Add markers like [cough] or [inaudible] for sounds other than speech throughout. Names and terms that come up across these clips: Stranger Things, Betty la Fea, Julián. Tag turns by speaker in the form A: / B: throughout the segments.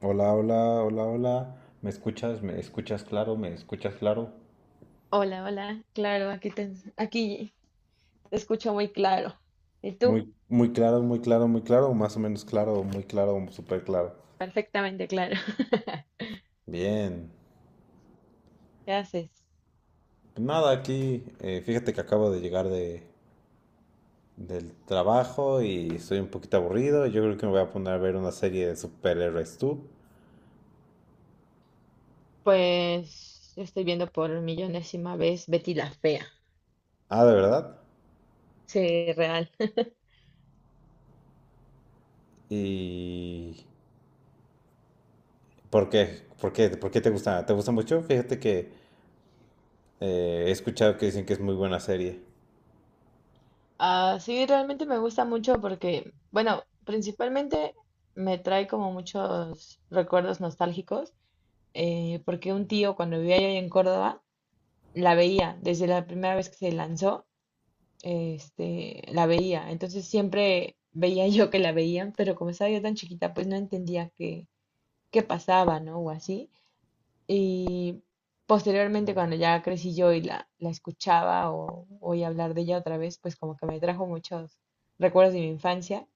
A: Hola, hola, hola, hola. ¿Me escuchas? ¿Me escuchas claro? ¿Me escuchas claro?
B: Hola, hola. Claro, aquí te escucho muy claro. ¿Y tú?
A: Muy, muy claro, muy claro, muy claro, más o menos claro, muy claro, súper claro.
B: Perfectamente claro. [laughs]
A: Bien.
B: ¿Qué haces?
A: Pues nada, aquí, fíjate que acabo de llegar del trabajo y estoy un poquito aburrido. Yo creo que me voy a poner a ver una serie de superhéroes tú.
B: Pues yo estoy viendo por millonésima vez Betty la Fea.
A: Ah, ¿de verdad?
B: Sí, real. [laughs]
A: ¿Y por qué? ¿Por qué? ¿Por qué te gusta? ¿Te gusta mucho? Fíjate que he escuchado que dicen que es muy buena serie.
B: Ah, sí, realmente me gusta mucho porque, bueno, principalmente me trae como muchos recuerdos nostálgicos, porque un tío cuando vivía allá en Córdoba la veía desde la primera vez que se lanzó este, la veía. Entonces siempre veía [laughs] yo que la veían, pero como estaba yo tan chiquita, pues no entendía qué pasaba, ¿no? O así. Y posteriormente, cuando ya crecí yo y la escuchaba o oí hablar de ella otra vez, pues como que me trajo muchos recuerdos de mi infancia.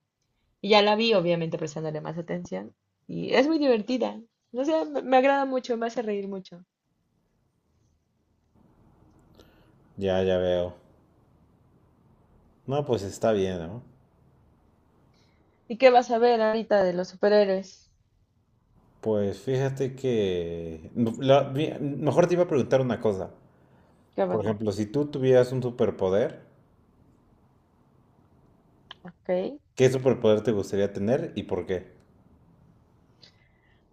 B: Y ya la vi, obviamente, prestándole más atención. Y es muy divertida. No sé, me agrada mucho, me hace reír mucho.
A: Ya, ya veo. No, pues está bien, ¿no?
B: ¿Y qué vas a ver ahorita de los superhéroes?
A: Pues fíjate que no, la- mi- mejor te iba a preguntar una cosa.
B: ¿Qué
A: Por
B: pasó?
A: ejemplo, si tú tuvieras un superpoder,
B: ¿Ok?
A: ¿qué superpoder te gustaría tener y por qué?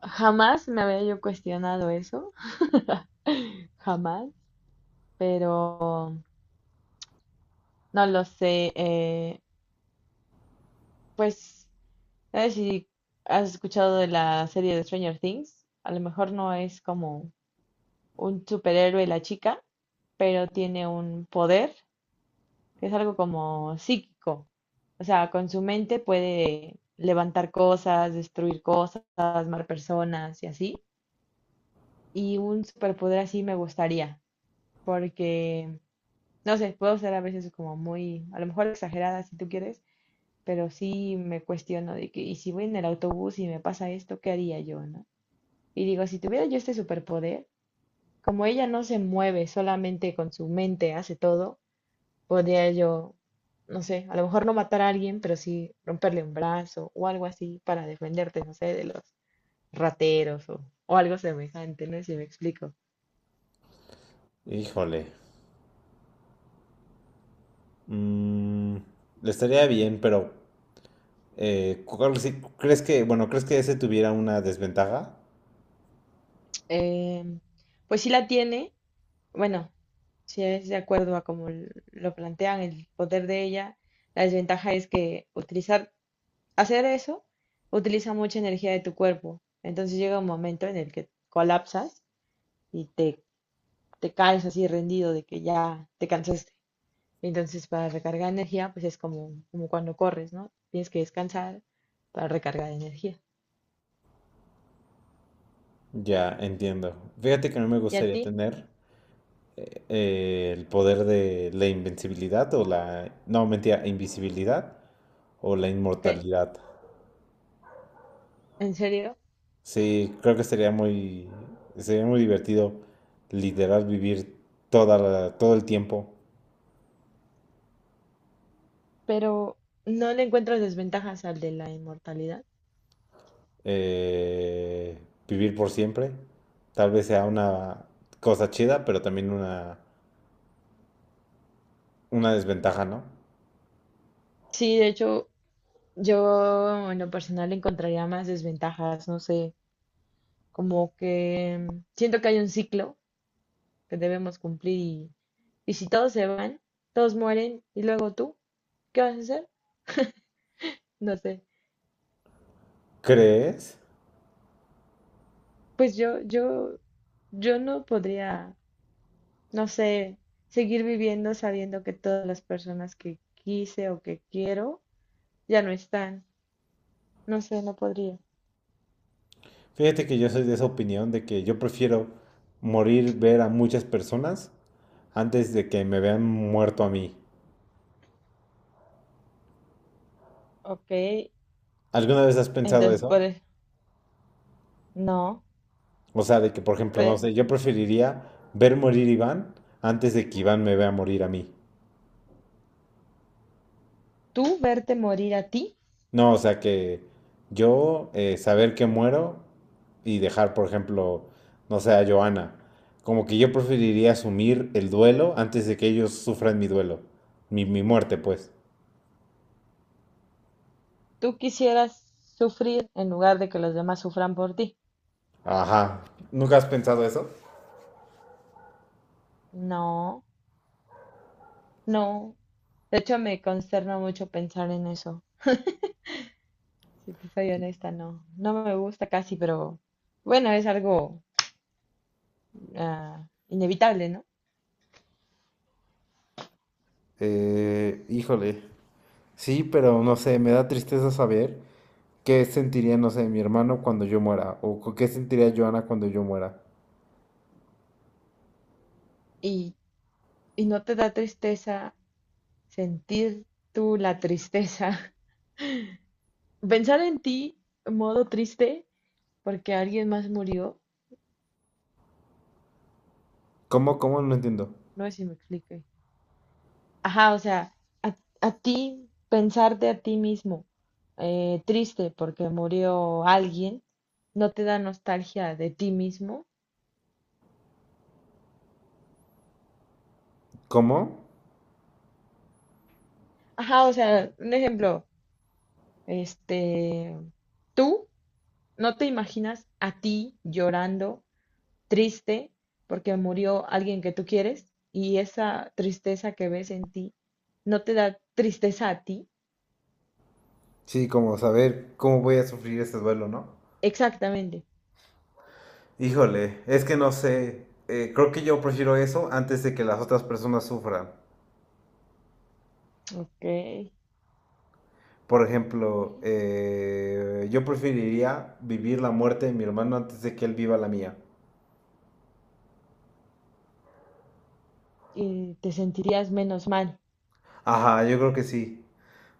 B: Jamás me había yo cuestionado eso, [laughs] jamás, pero no lo sé. Pues, ¿sabes si has escuchado de la serie de Stranger Things? A lo mejor no es como un superhéroe la chica, pero tiene un poder que es algo como psíquico. O sea, con su mente puede levantar cosas, destruir cosas, mar personas y así. Y un superpoder así me gustaría, porque no sé, puedo ser a veces como muy, a lo mejor exagerada si tú quieres, pero sí me cuestiono de que, y si voy en el autobús y me pasa esto, ¿qué haría yo, no? Y digo, si tuviera yo este superpoder, como ella no se mueve, solamente con su mente hace todo, podría yo, no sé, a lo mejor no matar a alguien, pero sí romperle un brazo o algo así para defenderte, no sé, de los rateros o algo semejante, no sé si me explico.
A: Híjole. mm, estaría bien, pero ¿crees que, bueno, crees que ese tuviera una desventaja?
B: Em, pues sí la tiene, bueno, si es de acuerdo a como lo plantean, el poder de ella, la desventaja es que utilizar, hacer eso, utiliza mucha energía de tu cuerpo. Entonces llega un momento en el que colapsas y te caes así rendido de que ya te cansaste. Entonces para recargar energía, pues es como, como cuando corres, ¿no? Tienes que descansar para recargar energía.
A: Ya, entiendo. Fíjate que no me
B: ¿Y a
A: gustaría
B: ti?
A: tener el poder de la invencibilidad o la... No, mentira, invisibilidad o la
B: ¿Ok?
A: inmortalidad.
B: ¿En serio?
A: Sí, creo que sería sería muy divertido literal vivir todo el tiempo,
B: Pero no le encuentras desventajas al de la inmortalidad.
A: eh, vivir por siempre. Tal vez sea una cosa chida, pero también una desventaja, ¿no?
B: Sí, de hecho, yo en lo personal le encontraría más desventajas, no sé, como que siento que hay un ciclo que debemos cumplir y si todos se van, todos mueren y luego tú, ¿qué vas a hacer? No sé.
A: ¿Crees?
B: Pues yo no podría, no sé, seguir viviendo sabiendo que todas las personas que quise o que quiero ya no están. No sé, no podría.
A: Fíjate que yo soy de esa opinión de que yo prefiero morir, ver a muchas personas antes de que me vean muerto a mí.
B: Ok,
A: ¿Alguna vez has pensado
B: entonces,
A: eso?
B: no,
A: O sea, de que, por ejemplo, no
B: pero
A: sé, yo preferiría ver morir a Iván antes de que Iván me vea morir a mí.
B: tú verte morir a ti.
A: No, o sea, que yo saber que muero y dejar, por ejemplo, no sé, a Joana. Como que yo preferiría asumir el duelo antes de que ellos sufran mi duelo. Mi muerte, pues.
B: Tú quisieras sufrir en lugar de que los demás sufran por ti.
A: Ajá. ¿Nunca has pensado eso?
B: No, no. De hecho, me consterna mucho pensar en eso. Si te soy honesta, no. No me gusta casi, pero bueno, es algo inevitable, ¿no?
A: Híjole. Sí, pero no sé, me da tristeza saber qué sentiría, no sé, mi hermano cuando yo muera o qué sentiría Joana cuando yo muera.
B: Y, y no te da tristeza sentir tú la tristeza. [laughs] Pensar en ti en modo triste porque alguien más murió,
A: ¿Cómo? ¿Cómo? No entiendo.
B: no sé si me explique. Ajá, o sea, a ti, pensarte a ti mismo triste porque murió alguien, no te da nostalgia de ti mismo.
A: ¿Cómo?
B: Ajá, o sea, un ejemplo, este, tú no te imaginas a ti llorando, triste, porque murió alguien que tú quieres y esa tristeza que ves en ti no te da tristeza a ti.
A: Sí, como saber cómo voy a sufrir este duelo, ¿no?
B: Exactamente.
A: Híjole, es que no sé. Creo que yo prefiero eso antes de que las otras personas sufran.
B: Ok.
A: Por ejemplo, yo preferiría vivir la muerte de mi hermano antes de que él viva la mía.
B: Y te sentirías menos mal.
A: Ajá, yo creo que sí.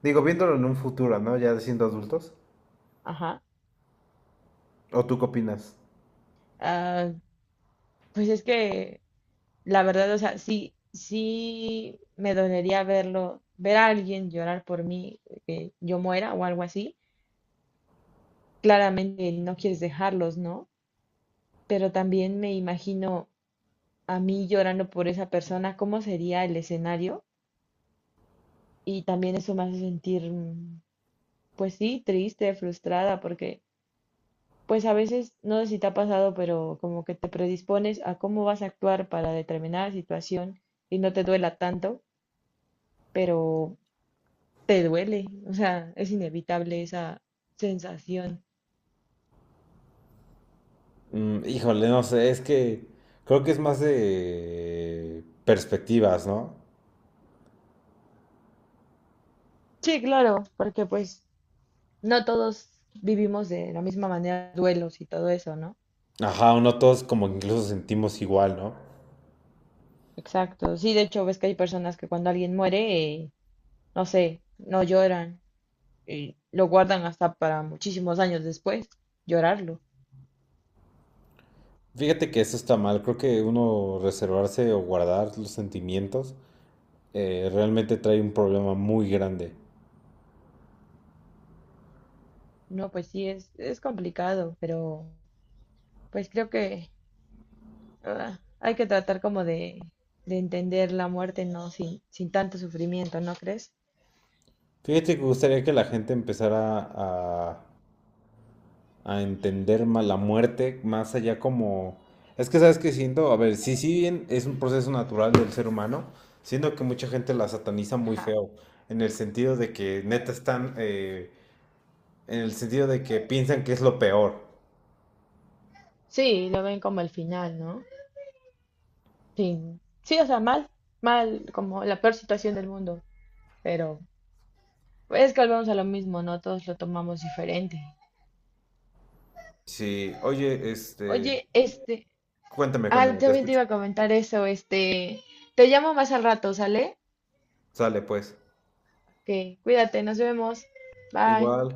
A: Digo, viéndolo en un futuro, ¿no? Ya siendo adultos.
B: Ajá.
A: ¿O tú qué opinas?
B: Ah, pues es que la verdad, o sea, sí, sí me dolería verlo, ver a alguien llorar por mí, que yo muera o algo así. Claramente no quieres dejarlos, ¿no? Pero también me imagino a mí llorando por esa persona, cómo sería el escenario. Y también eso me hace sentir, pues sí, triste, frustrada, porque pues a veces, no sé si te ha pasado, pero como que te predispones a cómo vas a actuar para determinada situación y no te duela tanto. Pero te duele, o sea, es inevitable esa sensación.
A: Mm, híjole, no sé, es que creo que es más de perspectivas, ¿no?
B: Sí, claro, porque pues no todos vivimos de la misma manera duelos y todo eso, ¿no?
A: Ajá, uno todos como que incluso sentimos igual, ¿no?
B: Exacto, sí, de hecho ves que hay personas que cuando alguien muere, no sé, no lloran y lo guardan hasta para muchísimos años después, llorarlo.
A: Fíjate que eso está mal, creo que uno reservarse o guardar los sentimientos realmente trae un problema muy grande.
B: No, pues sí, es complicado, pero pues creo que hay que tratar como de entender la muerte, ¿no? Sin tanto sufrimiento, ¿no crees?
A: Fíjate que gustaría que la gente empezara a entender más la muerte, más allá como... Es que sabes que siento, a ver, sí, sí bien es un proceso natural del ser humano, siento que mucha gente la sataniza muy
B: Ajá.
A: feo, en el sentido de que neta están, en el sentido de que piensan que es lo peor.
B: Sí, lo ven como el final, ¿no? Sí, sí, o sea, mal, mal, como la peor situación del mundo, pero es que volvemos a lo mismo, ¿no? Todos lo tomamos diferente.
A: Sí, oye, este,
B: Oye, este,
A: cuéntame, cuéntame, te
B: también te
A: escucho.
B: iba a comentar eso, este, te llamo más al rato, ¿sale?
A: Sale pues.
B: Que cuídate, nos vemos. Bye.
A: Igual.